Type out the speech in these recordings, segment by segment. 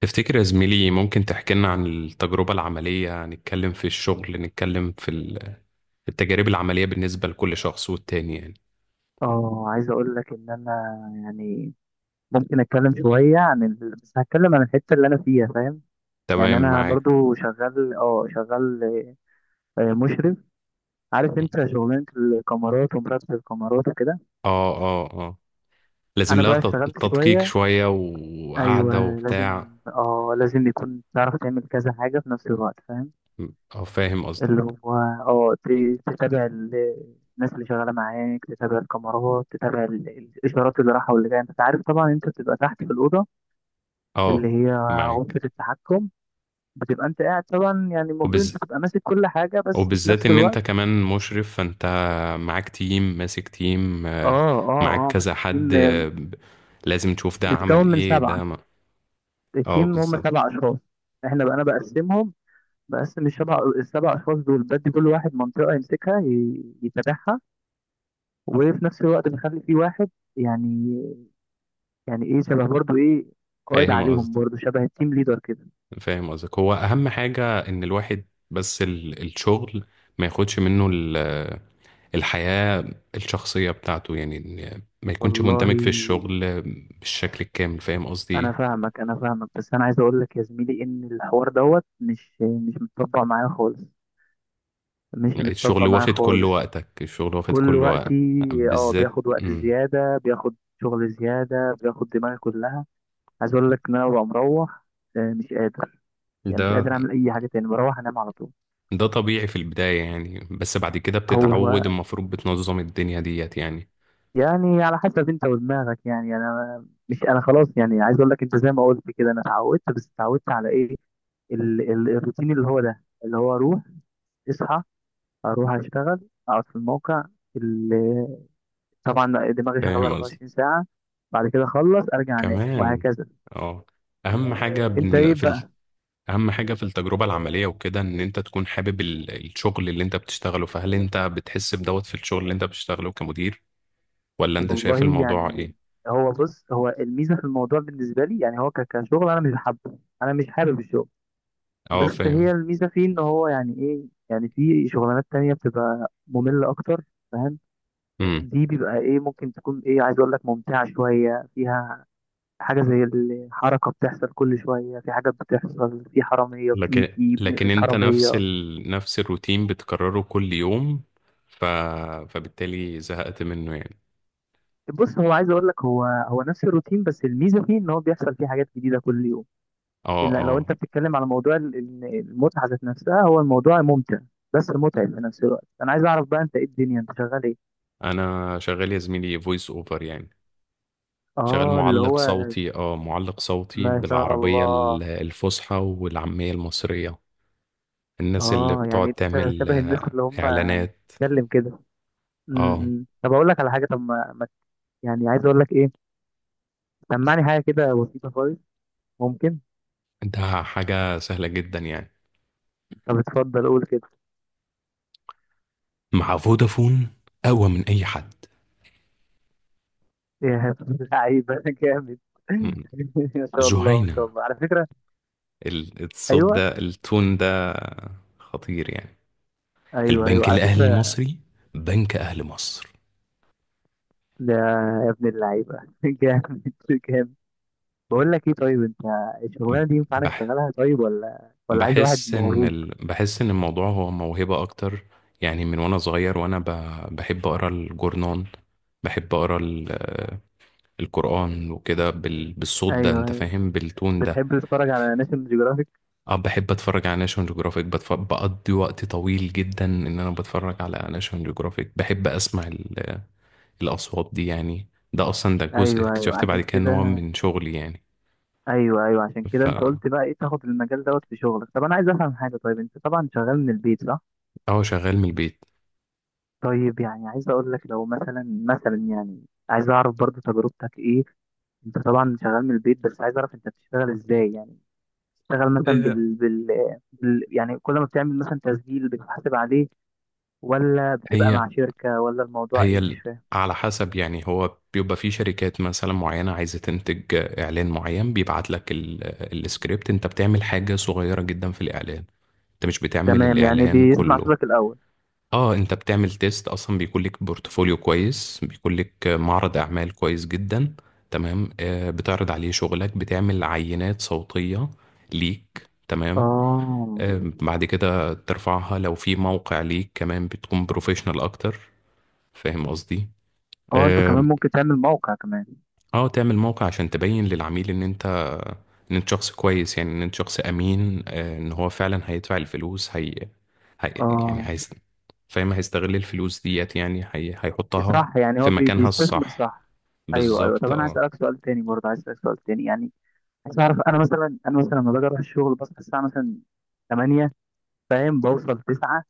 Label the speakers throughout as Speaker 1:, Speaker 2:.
Speaker 1: تفتكر يا زميلي، ممكن تحكي لنا عن التجربة العملية؟ نتكلم في الشغل، نتكلم في التجارب العملية بالنسبة لكل شخص والتاني يعني.
Speaker 2: اه عايز اقول لك ان انا، يعني ممكن اتكلم شويه بس هتكلم عن الحته اللي انا فيها، فاهم؟ يعني
Speaker 1: تمام
Speaker 2: انا
Speaker 1: معاك.
Speaker 2: برضو شغال، مشرف. عارف انت شغلانه الكاميرات ومراقبه الكاميرات وكده.
Speaker 1: اه، لازم
Speaker 2: انا
Speaker 1: لها
Speaker 2: بقى اشتغلت
Speaker 1: تدقيق
Speaker 2: شويه.
Speaker 1: شوية
Speaker 2: ايوه،
Speaker 1: وقعدة
Speaker 2: لازم
Speaker 1: وبتاع.
Speaker 2: اه لازم يكون تعرف تعمل كذا حاجه في نفس الوقت، فاهم؟
Speaker 1: اه فاهم
Speaker 2: اللي
Speaker 1: قصدك.
Speaker 2: هو تتابع الناس اللي شغاله معاك، تتابع الكاميرات، تتابع الاشارات اللي رايحه واللي جايه. انت عارف طبعا، انت بتبقى تحت في الاوضه اللي
Speaker 1: اه
Speaker 2: هي
Speaker 1: معاك.
Speaker 2: غرفة التحكم. بتبقى انت قاعد طبعا، يعني المفروض
Speaker 1: وبز...
Speaker 2: انت تبقى ماسك كل حاجة، بس في
Speaker 1: وبالذات
Speaker 2: نفس
Speaker 1: ان انت
Speaker 2: الوقت
Speaker 1: كمان مشرف، فانت معاك تيم، ماسك تيم معاك
Speaker 2: اه
Speaker 1: كذا
Speaker 2: ماسك
Speaker 1: حد،
Speaker 2: تيم،
Speaker 1: لازم تشوف ده عمل
Speaker 2: متكون من
Speaker 1: ايه،
Speaker 2: سبعة.
Speaker 1: ده ما... اه
Speaker 2: التيم هم
Speaker 1: بالظبط.
Speaker 2: سبع اشخاص. احنا بقى انا بقسمهم، بقسم السبع اشخاص دول، بدي كل واحد منطقة يمسكها يتابعها. وفي نفس الوقت بخلي في واحد، يعني يعني ايه، شبه برضو، ايه، قائد
Speaker 1: فاهم
Speaker 2: عليهم،
Speaker 1: قصدك
Speaker 2: برضو شبه التيم ليدر كده.
Speaker 1: فاهم قصدك هو اهم حاجة ان الواحد بس الشغل ما ياخدش منه الحياة الشخصية بتاعته، يعني إن ما يكونش
Speaker 2: والله
Speaker 1: مندمج في الشغل بالشكل الكامل. فاهم قصدي
Speaker 2: انا
Speaker 1: إيه؟
Speaker 2: فاهمك، انا فاهمك، بس انا عايز اقول لك يا زميلي ان الحوار دوت مش متطبق معايا خالص. مش متطبق
Speaker 1: الشغل
Speaker 2: معايا
Speaker 1: واخد كل
Speaker 2: خالص.
Speaker 1: وقتك، الشغل واخد
Speaker 2: كل
Speaker 1: كل
Speaker 2: وقتي.
Speaker 1: وقت.
Speaker 2: اه
Speaker 1: بالذات
Speaker 2: بياخد وقت زياده، بياخد شغل زياده، بياخد دماغي كلها. عايز اقول لك ان انا ببقى مروح، مش قادر، يعني مش
Speaker 1: ده.
Speaker 2: قادر اعمل اي حاجه تاني، بروح انام على طول.
Speaker 1: ده طبيعي في البداية يعني، بس بعد كده
Speaker 2: هو،
Speaker 1: بتتعود، المفروض بتنظم الدنيا ديت يعني.
Speaker 2: يعني على حسب انت ودماغك، يعني انا مش انا خلاص، يعني عايز اقول لك انت زي ما قلت كده، انا اتعودت، بس اتعودت على ايه؟ الروتين اللي هو ده، اللي هو اروح، اصحى، اروح اشتغل، اقعد في الموقع اللي، طبعا دماغي شغاله
Speaker 1: فاهم قصدي.
Speaker 2: 24 ساعه، بعد كده اخلص ارجع انام
Speaker 1: كمان
Speaker 2: وهكذا.
Speaker 1: اه. اهم حاجة
Speaker 2: انت
Speaker 1: بن-
Speaker 2: ايه
Speaker 1: في
Speaker 2: بقى؟
Speaker 1: اهم حاجة في التجربة العملية وكده، ان انت تكون حابب الشغل اللي انت بتشتغله. فهل انت بتحس بدوت في الشغل اللي انت بتشتغله كمدير، ولا انت شايف
Speaker 2: والله
Speaker 1: الموضوع
Speaker 2: يعني،
Speaker 1: ايه؟
Speaker 2: بص، هو الميزه في الموضوع بالنسبه لي، يعني هو كشغل انا مش حابه انا مش حابب الشغل.
Speaker 1: اه
Speaker 2: بس
Speaker 1: فاهم.
Speaker 2: هي الميزه فيه ان هو، يعني ايه، يعني في شغلانات تانية بتبقى ممله اكتر، فاهم؟
Speaker 1: امم.
Speaker 2: دي بيبقى ايه، ممكن تكون ايه، عايز اقول لك ممتعه شويه. فيها حاجة زي الحركة، بتحصل كل شوية في حاجات، بتحصل في حرامية
Speaker 1: لكن
Speaker 2: بتيجي
Speaker 1: لكن
Speaker 2: بنقفش
Speaker 1: انت نفس
Speaker 2: حرامية.
Speaker 1: نفس الروتين بتكرره كل يوم، ف... فبالتالي زهقت منه يعني.
Speaker 2: بص، هو عايز اقول لك، هو نفس الروتين، بس الميزة فيه ان هو بيحصل فيه حاجات جديدة كل يوم.
Speaker 1: اه
Speaker 2: إلا لو
Speaker 1: اه
Speaker 2: انت بتتكلم على موضوع المتعة ذات نفسها، هو الموضوع ممتع بس متعب في نفس الوقت. انا عايز اعرف بقى، انت ايه الدنيا، انت شغال ايه؟
Speaker 1: انا شغال يا زميلي فويس اوفر يعني. شغال
Speaker 2: اه، اللي
Speaker 1: معلق
Speaker 2: هو،
Speaker 1: صوتي. اه معلق صوتي
Speaker 2: ما شاء
Speaker 1: بالعربية
Speaker 2: الله.
Speaker 1: الفصحى والعامية المصرية. الناس اللي
Speaker 2: اه يعني
Speaker 1: بتقعد
Speaker 2: انت
Speaker 1: تعمل
Speaker 2: شبه الناس اللي هم
Speaker 1: اعلانات.
Speaker 2: بتتكلم كده. م-
Speaker 1: اه،
Speaker 2: م. طب اقول لك على حاجة. طب يعني عايز اقول لك ايه؟ سمعني حاجة كده بسيطة خالص، ممكن؟
Speaker 1: ده حاجة سهلة جدا يعني.
Speaker 2: طب اتفضل قول كده.
Speaker 1: مع فودافون، اقوى من اي حد.
Speaker 2: يا لعيبة جامد.
Speaker 1: م.
Speaker 2: ما شاء الله، ما شاء
Speaker 1: جهينة.
Speaker 2: الله، على فكرة.
Speaker 1: الصوت
Speaker 2: ايوه،
Speaker 1: ده، التون ده خطير يعني.
Speaker 2: ايوه، ايوه،
Speaker 1: البنك
Speaker 2: على
Speaker 1: الاهلي
Speaker 2: فكرة.
Speaker 1: المصري، بنك اهل مصر.
Speaker 2: ده يا ابن اللعيبة جامد، جامد. بقول لك ايه، طيب انت الشغلانة دي ينفع انا
Speaker 1: بح
Speaker 2: اشتغلها؟ طيب، ولا عايز واحد
Speaker 1: بحس ان
Speaker 2: موهوب؟
Speaker 1: بحس ان الموضوع هو موهبة اكتر يعني. من وانا صغير وانا بحب اقرا الجورنان، بحب اقرا القرآن وكده بالصوت ده،
Speaker 2: ايوه،
Speaker 1: انت
Speaker 2: ايوه،
Speaker 1: فاهم، بالتون ده.
Speaker 2: بتحب تتفرج على ناشونال جيوغرافيك؟
Speaker 1: اه بحب اتفرج على ناشونال جيوغرافيك. بقضي وقت طويل جدا ان انا بتفرج على ناشونال جيوغرافيك، بحب اسمع الاصوات دي يعني. ده اصلا ده جزء
Speaker 2: ايوه، ايوه،
Speaker 1: اكتشفت بعد
Speaker 2: عشان
Speaker 1: كده ان
Speaker 2: كده.
Speaker 1: هو من شغلي يعني.
Speaker 2: ايوه، ايوه، عشان
Speaker 1: ف
Speaker 2: كده انت قلت بقى ايه، تاخد المجال دوت في شغلك. طب انا عايز افهم حاجة، طيب انت طبعا شغال من البيت، صح؟
Speaker 1: اه شغال من البيت.
Speaker 2: طيب، يعني عايز اقول لك لو مثلا، يعني عايز اعرف برضو تجربتك ايه. انت طبعا شغال من البيت، بس عايز اعرف انت بتشتغل ازاي. يعني بتشتغل مثلا
Speaker 1: إيه،
Speaker 2: يعني كل ما بتعمل مثلا تسجيل بتحاسب عليه؟ ولا بتبقى
Speaker 1: هي
Speaker 2: مع شركة؟ ولا الموضوع
Speaker 1: هي
Speaker 2: ايه، مش
Speaker 1: ال-
Speaker 2: فاهم.
Speaker 1: على حسب يعني، هو بيبقى في شركات مثلا معينة عايزة تنتج إعلان معين، بيبعت لك السكريبت، أنت بتعمل حاجة صغيرة جدا في الإعلان، أنت مش بتعمل
Speaker 2: تمام، يعني
Speaker 1: الإعلان
Speaker 2: بيسمع
Speaker 1: كله.
Speaker 2: صوتك الاول.
Speaker 1: اه انت بتعمل تيست اصلا، بيكون لك بورتفوليو كويس، بيكون لك معرض اعمال كويس جدا. تمام، آه بتعرض عليه شغلك، بتعمل عينات صوتية ليك، تمام.
Speaker 2: اه
Speaker 1: آه بعد كده ترفعها لو في موقع ليك كمان، بتكون بروفيشنال اكتر. فاهم قصدي.
Speaker 2: اه انت
Speaker 1: اه.
Speaker 2: كمان ممكن تعمل موقع كمان.
Speaker 1: آه، تعمل موقع عشان تبين للعميل ان انت، ان انت شخص كويس، يعني ان انت شخص امين. آه، ان هو فعلا هيدفع الفلوس. هي... يعني
Speaker 2: اه،
Speaker 1: فاهم، هيستغل الفلوس ديت يعني. هيحطها
Speaker 2: صح، يعني
Speaker 1: في
Speaker 2: هو
Speaker 1: مكانها
Speaker 2: بيستثمر،
Speaker 1: الصح.
Speaker 2: صح. ايوه، ايوه، طب
Speaker 1: بالظبط
Speaker 2: انا عايز
Speaker 1: اه.
Speaker 2: اسالك سؤال تاني، برضه عايز اسالك سؤال تاني يعني. بس عارف، انا مثلا، لما باجي اروح الشغل بصحى الساعه مثلا 8، فاهم، بوصل 9.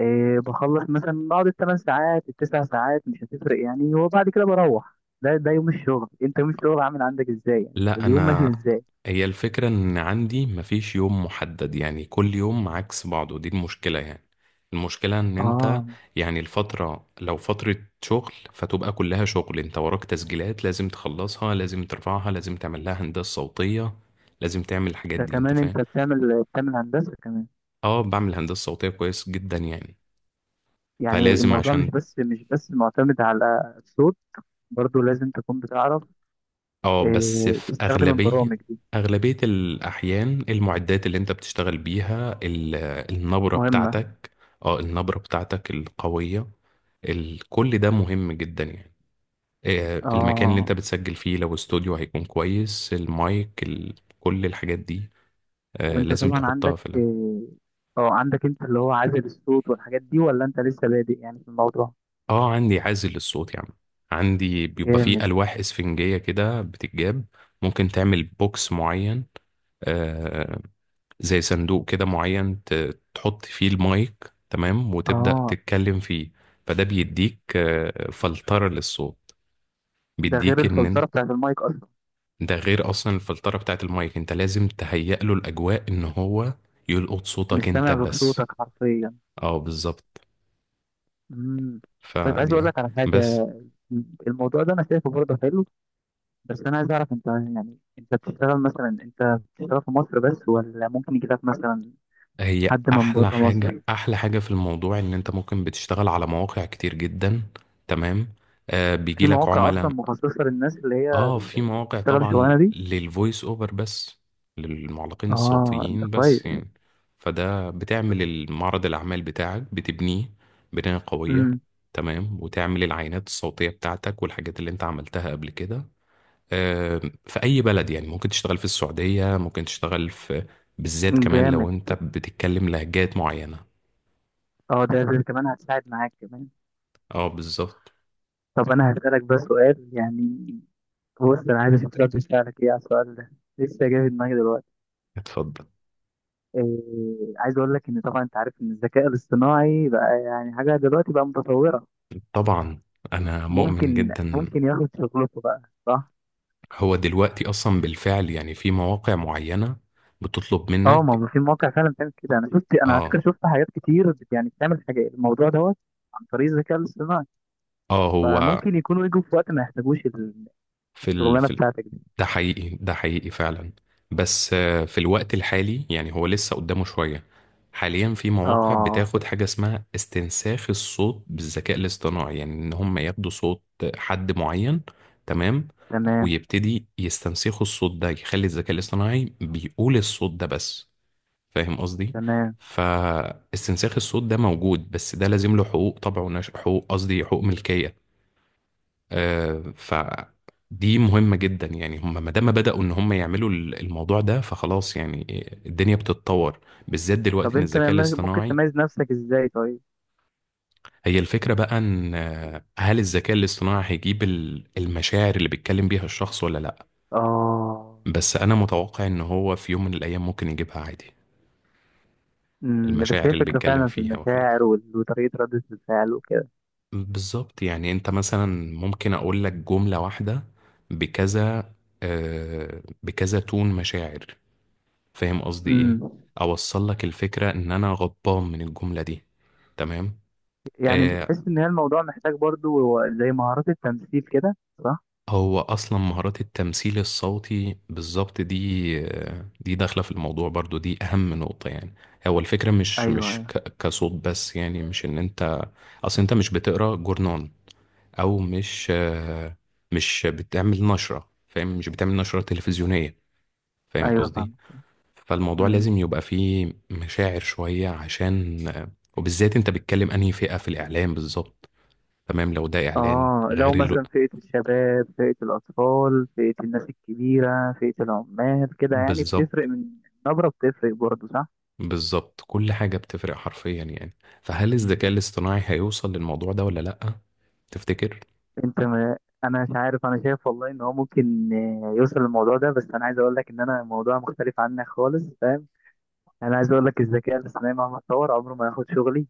Speaker 2: بخلص مثلا، بقعد ال 8 ساعات، ال 9 ساعات مش هتفرق يعني، وبعد كده بروح. ده يوم الشغل، انت يوم الشغل عامل عندك ازاي، يعني
Speaker 1: لا
Speaker 2: اليوم ماشي
Speaker 1: انا،
Speaker 2: ازاي؟
Speaker 1: هي الفكرة ان عندي مفيش يوم محدد يعني، كل يوم عكس بعضه، دي المشكلة يعني. المشكلة ان انت،
Speaker 2: اه،
Speaker 1: يعني الفترة لو فترة شغل، فتبقى كلها شغل، انت وراك تسجيلات لازم تخلصها، لازم ترفعها، لازم تعمل لها هندسة صوتية، لازم تعمل الحاجات
Speaker 2: ده
Speaker 1: دي. انت
Speaker 2: كمان
Speaker 1: فاهم.
Speaker 2: انت بتعمل هندسه كمان؟
Speaker 1: اه بعمل هندسة صوتية كويس جدا يعني.
Speaker 2: يعني
Speaker 1: فلازم
Speaker 2: الموضوع
Speaker 1: عشان
Speaker 2: مش بس معتمد على الصوت. برضو لازم تكون بتعرف
Speaker 1: اه. بس في
Speaker 2: تستخدم
Speaker 1: أغلبية
Speaker 2: البرامج دي،
Speaker 1: أغلبية الأحيان، المعدات اللي أنت بتشتغل بيها، النبرة
Speaker 2: مهمه.
Speaker 1: بتاعتك، اه النبرة بتاعتك القوية، كل ده مهم جدا يعني. آه، المكان اللي أنت
Speaker 2: اه،
Speaker 1: بتسجل فيه لو استوديو هيكون كويس، المايك، كل الحاجات دي آه،
Speaker 2: وانت
Speaker 1: لازم
Speaker 2: طبعا
Speaker 1: تحطها
Speaker 2: عندك
Speaker 1: في
Speaker 2: آه، اه عندك، انت اللي هو عازل الصوت والحاجات دي، ولا انت لسه بادئ يعني في الموضوع؟
Speaker 1: اه. عندي عازل للصوت يعني، عندي بيبقى فيه
Speaker 2: جامد.
Speaker 1: ألواح إسفنجية كده بتتجاب. ممكن تعمل بوكس معين، آه، زي صندوق كده معين، تحط فيه المايك، تمام، وتبدأ
Speaker 2: اه
Speaker 1: تتكلم فيه. فده بيديك آه، فلترة للصوت،
Speaker 2: ده غير
Speaker 1: بيديك
Speaker 2: الفلترة بتاعت المايك اصلا.
Speaker 1: ده غير اصلا الفلترة بتاعت المايك. انت لازم تهيئ له الاجواء ان هو يلقط
Speaker 2: مش
Speaker 1: صوتك انت
Speaker 2: سامع غير
Speaker 1: بس.
Speaker 2: صوتك حرفيا.
Speaker 1: اه بالظبط.
Speaker 2: امم طيب عايز
Speaker 1: فدي
Speaker 2: اقول
Speaker 1: يعني.
Speaker 2: لك على
Speaker 1: بس
Speaker 2: حاجة. الموضوع ده انا شايفه برضه حلو. بس انا عايز اعرف انت، يعني انت بتشتغل في مصر بس، ولا ممكن يجي لك مثلا
Speaker 1: هي
Speaker 2: حد من
Speaker 1: احلى
Speaker 2: بره مصر؟
Speaker 1: حاجة، احلى حاجة في الموضوع ان انت ممكن بتشتغل على مواقع كتير جدا، تمام، آه بيجي
Speaker 2: في
Speaker 1: لك
Speaker 2: مواقع
Speaker 1: عملاء.
Speaker 2: اصلا مخصصة للناس
Speaker 1: اه في
Speaker 2: اللي
Speaker 1: مواقع
Speaker 2: بتشتغل
Speaker 1: طبعا
Speaker 2: الشغلانة دي؟
Speaker 1: للفويس اوفر بس، للمعلقين
Speaker 2: اه، ده
Speaker 1: الصوتيين
Speaker 2: كويس.
Speaker 1: بس يعني. فده بتعمل المعرض الأعمال بتاعك، بتبنيه بناية قوية،
Speaker 2: امم
Speaker 1: تمام، وتعمل العينات الصوتية بتاعتك والحاجات اللي انت عملتها قبل كده. آه، في أي بلد يعني، ممكن تشتغل في السعودية، ممكن تشتغل في، بالذات كمان لو
Speaker 2: جامد،
Speaker 1: انت بتتكلم لهجات معينة.
Speaker 2: اه، ده كمان هتساعد معاك كمان.
Speaker 1: اه بالظبط.
Speaker 2: طب انا هسألك بس سؤال، يعني بص، انا عايز اشوف رد فعلك ايه على السؤال ده، لسه جاي في دماغي دلوقتي.
Speaker 1: اتفضل.
Speaker 2: إيه عايز اقول لك ان طبعا انت عارف ان الذكاء الاصطناعي بقى، يعني حاجه دلوقتي بقى متطوره.
Speaker 1: طبعا أنا مؤمن
Speaker 2: ممكن
Speaker 1: جدا.
Speaker 2: ممكن ياخد شغلته بقى، صح؟
Speaker 1: هو دلوقتي اصلا بالفعل يعني، في مواقع معينة بتطلب
Speaker 2: اه، ما
Speaker 1: منك.
Speaker 2: هو في مواقع فعلا بتعمل كده. انا على
Speaker 1: اه
Speaker 2: فكره شفت حاجات كتير، يعني بتعمل حاجه، الموضوع دوت عن طريق الذكاء الاصطناعي.
Speaker 1: اه هو
Speaker 2: فممكن يكونوا يجوا في وقت ما يحتاجوش
Speaker 1: في
Speaker 2: الشغلانه بتاعتك دي.
Speaker 1: ده حقيقي، ده حقيقي فعلا. بس آه، في الوقت الحالي يعني هو لسه قدامه شوية. حاليا في مواقع
Speaker 2: اه،
Speaker 1: بتاخد حاجة اسمها استنساخ الصوت بالذكاء الاصطناعي، يعني ان هم ياخدوا صوت حد معين، تمام،
Speaker 2: تمام،
Speaker 1: ويبتدي يستنسخوا الصوت ده، يخلي الذكاء الاصطناعي بيقول الصوت ده بس. فاهم قصدي.
Speaker 2: تمام.
Speaker 1: فاستنساخ الصوت ده موجود، بس ده لازم له حقوق طبع ونشر، حقوق قصدي حقوق ملكية. آه فدي مهمة جدا يعني. هم ما دام بدأوا ان هم يعملوا الموضوع ده، فخلاص يعني، الدنيا بتتطور، بالذات
Speaker 2: طب
Speaker 1: دلوقتي ان
Speaker 2: انت
Speaker 1: الذكاء
Speaker 2: ممكن
Speaker 1: الاصطناعي.
Speaker 2: تميز نفسك ازاي، طيب؟
Speaker 1: هي الفكرة بقى ان آه، هل الذكاء الاصطناعي هيجيب المشاعر اللي بيتكلم بيها الشخص ولا لا؟
Speaker 2: اه.
Speaker 1: بس انا متوقع ان هو في يوم من الايام ممكن يجيبها عادي.
Speaker 2: بس
Speaker 1: المشاعر
Speaker 2: هي
Speaker 1: اللي
Speaker 2: فكرة
Speaker 1: بيتكلم
Speaker 2: فعلا في
Speaker 1: فيها وخلافه.
Speaker 2: المشاعر وطريقة ردة الفعل وكده.
Speaker 1: بالظبط، يعني انت مثلا ممكن اقول لك جملة واحدة بكذا آه بكذا تون مشاعر. فاهم قصدي
Speaker 2: امم
Speaker 1: ايه؟ اوصل لك الفكرة ان انا غضبان من الجملة دي. تمام.
Speaker 2: يعني
Speaker 1: آه
Speaker 2: بتحس ان هي الموضوع محتاج برضو زي مهارات التمثيل كده، صح؟
Speaker 1: هو اصلا مهارات التمثيل الصوتي بالظبط، دي آه دي داخلة في الموضوع برضو، دي اهم نقطة يعني. هو الفكرة مش
Speaker 2: ايوه،
Speaker 1: مش
Speaker 2: ايوه،
Speaker 1: ك- كصوت بس يعني، مش ان انت، اصل انت مش بتقرا جورنال او مش آه، مش بتعمل نشرة، فاهم، مش بتعمل نشرة تلفزيونية. فاهم
Speaker 2: ايوه،
Speaker 1: قصدي.
Speaker 2: فاهم.
Speaker 1: فالموضوع
Speaker 2: امم
Speaker 1: لازم يبقى فيه مشاعر شوية عشان آه، وبالذات انت بتتكلم انهي فئة في الاعلام بالظبط، تمام، لو ده اعلان
Speaker 2: اه لو
Speaker 1: غير
Speaker 2: مثلا فئة الشباب، فئة الأطفال، فئة الناس الكبيرة، فئة العمال كده، يعني بتفرق
Speaker 1: بالظبط
Speaker 2: من النبرة، بتفرق برضو، صح.
Speaker 1: بالظبط كل حاجة بتفرق حرفيا يعني. فهل الذكاء
Speaker 2: مم.
Speaker 1: الاصطناعي هيوصل للموضوع ده ولا لأ؟ تفتكر؟
Speaker 2: انت ما انا مش عارف، انا شايف والله ان هو ممكن، يوصل للموضوع ده، بس انا عايز اقول لك ان انا الموضوع مختلف عنك خالص، فاهم. انا عايز اقول لك، الذكاء الاصطناعي مهما اتطور عمره ما هياخد شغلي.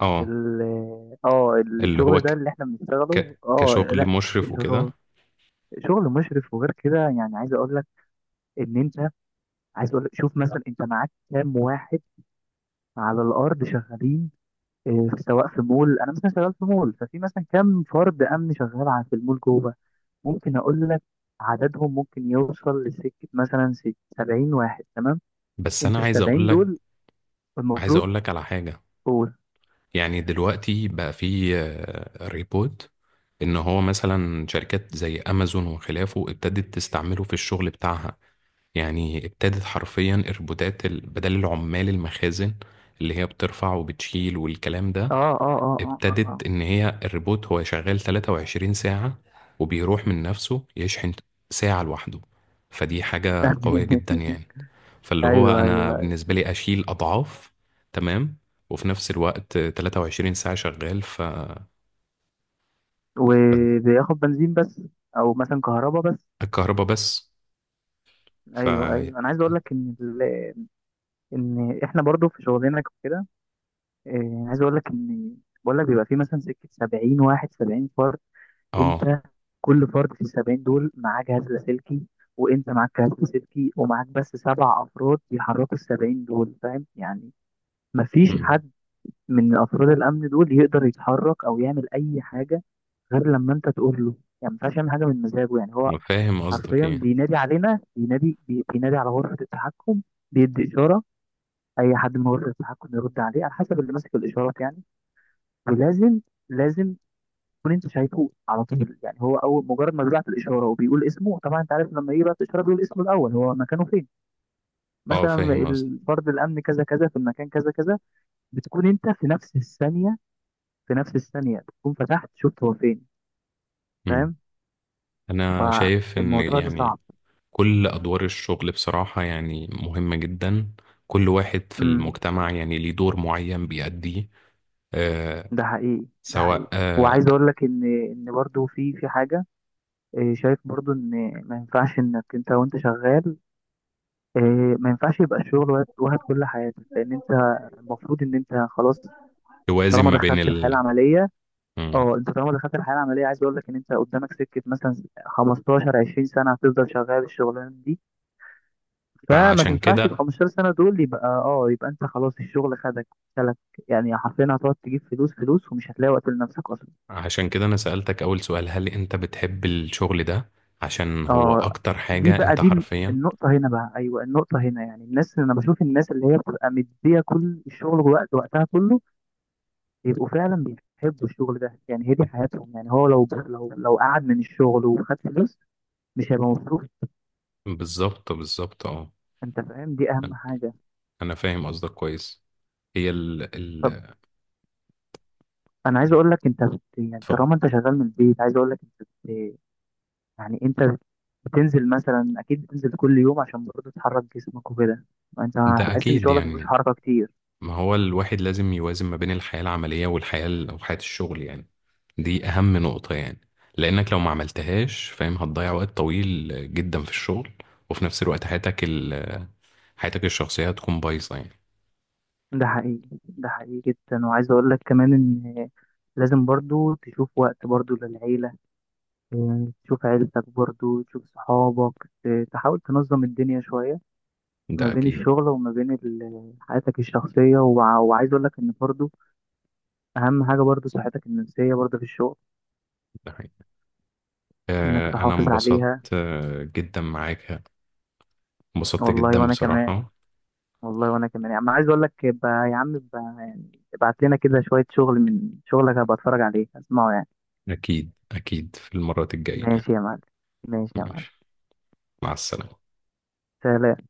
Speaker 1: اه اللي هو
Speaker 2: الشغل ده اللي احنا بنشتغله، اه،
Speaker 1: كشغل
Speaker 2: لا.
Speaker 1: مشرف
Speaker 2: شغل
Speaker 1: وكده.
Speaker 2: شغل مشرف، وغير كده يعني عايز اقول لك ان انت عايز اقول لك، شوف مثلا، انت معاك كام واحد على الارض شغالين، سواء في مول، انا مثلا شغال في مول، ففي مثلا كام فرد امن شغال في المول جوه. ممكن اقول لك عددهم ممكن يوصل لسكه مثلا 70 واحد، تمام.
Speaker 1: بس
Speaker 2: انت
Speaker 1: انا
Speaker 2: ال
Speaker 1: عايز
Speaker 2: 70
Speaker 1: اقول لك،
Speaker 2: دول
Speaker 1: عايز
Speaker 2: المفروض،
Speaker 1: اقول لك على حاجة.
Speaker 2: قول.
Speaker 1: يعني دلوقتي بقى في آه، ريبوت، ان هو مثلا شركات زي امازون وخلافه ابتدت تستعمله في الشغل بتاعها، يعني ابتدت حرفيا الروبوتات بدل العمال المخازن، اللي هي بترفع وبتشيل والكلام
Speaker 2: اه،
Speaker 1: ده،
Speaker 2: اه، اه، اه، اه،
Speaker 1: ابتدت
Speaker 2: آه.
Speaker 1: ان هي الريبوت هو شغال 23 ساعة، وبيروح من نفسه يشحن ساعة لوحده. فدي حاجة قوية جدا يعني. فاللي هو
Speaker 2: ايوه،
Speaker 1: انا
Speaker 2: ايوه،
Speaker 1: بالنسبة لي اشيل اضعاف، تمام، وفي نفس الوقت 23 ساعة شغال.
Speaker 2: وبياخد بنزين بس، او مثلا كهرباء بس.
Speaker 1: الكهرباء بس. ف
Speaker 2: ايوه، ايوه، انا عايز اقول لك ان ان احنا برضو في شغلنا كده، عايز اقول لك بقول لك، بيبقى في مثلا سكه 70 واحد، 70 فرد.
Speaker 1: اه
Speaker 2: انت كل فرد في ال 70 دول معاه جهاز لاسلكي، وانت معاك جهاز لاسلكي، ومعاك بس سبع افراد بيحركوا ال 70 دول، فاهم يعني؟ مفيش
Speaker 1: مم.
Speaker 2: حد من افراد الامن دول يقدر يتحرك او يعمل اي حاجه غير لما انت تقول له. يعني ما ينفعش يعمل حاجه من مزاجه. يعني هو
Speaker 1: فاهم قصدك
Speaker 2: حرفيا
Speaker 1: ايه.
Speaker 2: بينادي علينا، بينادي على غرفه التحكم، بيدي اشاره. اي حد من غرفه التحكم يرد عليه، على حسب اللي ماسك الاشارات يعني. ولازم لازم تكون انت شايفه على طول، يعني هو اول مجرد ما بيبعت الاشاره وبيقول اسمه. طبعا انت عارف، لما يبعت الاشاره بيقول اسمه الاول، هو مكانه فين،
Speaker 1: اه
Speaker 2: مثلا
Speaker 1: فاهم قصدك.
Speaker 2: الفرد الامن كذا كذا في المكان كذا كذا. بتكون انت في نفس الثانية تكون فتحت شفت هو فين،
Speaker 1: مم.
Speaker 2: فاهم.
Speaker 1: انا شايف ان
Speaker 2: فالموضوع ده صعب.
Speaker 1: يعني كل أدوار الشغل بصراحة يعني مهمة جدا، كل واحد في
Speaker 2: امم
Speaker 1: المجتمع يعني ليه دور معين بيأديه. آه
Speaker 2: ده حقيقي، ده حقيقي.
Speaker 1: سواء
Speaker 2: وعايز
Speaker 1: آه،
Speaker 2: اقول لك ان برضو في حاجة، شايف برضو، ان ما ينفعش انك انت وانت شغال إيه، ما ينفعش يبقى الشغل واخد كل حياتك، لان انت المفروض ان انت خلاص
Speaker 1: توازن
Speaker 2: طالما
Speaker 1: ما بين
Speaker 2: دخلت الحياة
Speaker 1: ال
Speaker 2: العملية.
Speaker 1: مم.
Speaker 2: اه انت طالما دخلت الحياة العملية، عايز اقول لك ان انت قدامك سكة مثلا 15 20 سنة هتفضل شغال الشغلانة دي. فما
Speaker 1: فعشان
Speaker 2: تنفعش ال
Speaker 1: كده،
Speaker 2: 15 سنة دول، يبقى انت خلاص الشغل خدك، سلك. يعني حرفيا هتقعد تجيب فلوس فلوس، ومش هتلاقي وقت لنفسك اصلا.
Speaker 1: عشان كده أنا سألتك أول سؤال، هل أنت بتحب الشغل ده؟ عشان هو
Speaker 2: اه،
Speaker 1: أكتر حاجة أنت
Speaker 2: دي
Speaker 1: حرفيا.
Speaker 2: النقطة هنا بقى، ايوه، النقطة هنا يعني، انا بشوف الناس اللي هي بتبقى مدية كل الشغل وقتها كله، بيبقوا فعلا بيحبوا الشغل ده، يعني هي دي حياتهم. يعني هو لو قعد من الشغل وخد فلوس مش هيبقى مبسوط.
Speaker 1: بالظبط أه.
Speaker 2: انت فاهم، دي
Speaker 1: أنا
Speaker 2: اهم حاجة.
Speaker 1: أنا فاهم قصدك كويس. هي ال
Speaker 2: طب
Speaker 1: ال
Speaker 2: انا عايز
Speaker 1: ال-
Speaker 2: اقول لك، انت يعني
Speaker 1: اتفضل.
Speaker 2: طالما انت شغال من البيت، عايز اقول لك يعني انت بتنزل مثلا، اكيد بتنزل كل يوم عشان برضه تحرك جسمك وكده. انت
Speaker 1: ده
Speaker 2: هتحس ان
Speaker 1: أكيد
Speaker 2: شغلك مفيهوش
Speaker 1: يعني،
Speaker 2: حركة كتير.
Speaker 1: ما هو الواحد لازم يوازن ما بين الحياة العملية والحياة أو حياة الشغل يعني. دي أهم نقطة يعني. لأنك لو ما عملتهاش، فاهم، هتضيع وقت طويل جدا في الشغل، وفي نفس الوقت حياتك حياتك الشخصية هتكون بايظة يعني.
Speaker 2: ده حقيقي، ده حقيقي جدا. وعايز اقول لك كمان ان لازم برضه تشوف وقت برضه للعيلة، يعني تشوف عيلتك، برضه تشوف صحابك، تحاول تنظم الدنيا شوية ما
Speaker 1: ده
Speaker 2: بين
Speaker 1: أكيد.
Speaker 2: الشغل وما بين حياتك الشخصية. وعايز اقول لك ان برضه اهم حاجة برضه صحتك النفسية برضه في الشغل،
Speaker 1: ده حقيقي.
Speaker 2: انك
Speaker 1: آه، أنا
Speaker 2: تحافظ
Speaker 1: انبسطت
Speaker 2: عليها.
Speaker 1: آه، جدا معاك، انبسطت
Speaker 2: والله
Speaker 1: جدا
Speaker 2: وانا كمان،
Speaker 1: بصراحة.
Speaker 2: والله وانا كمان يعني، عايز اقول لك يبقى، يا عم يبقى يعني، ابعت لنا كده شوية شغل من شغلك هبقى اتفرج عليه، اسمعه يعني.
Speaker 1: أكيد في المرات الجاية يعني.
Speaker 2: ماشي يا معلم. ماشي يا معلم.
Speaker 1: ماشي، مع السلامة.
Speaker 2: سلام.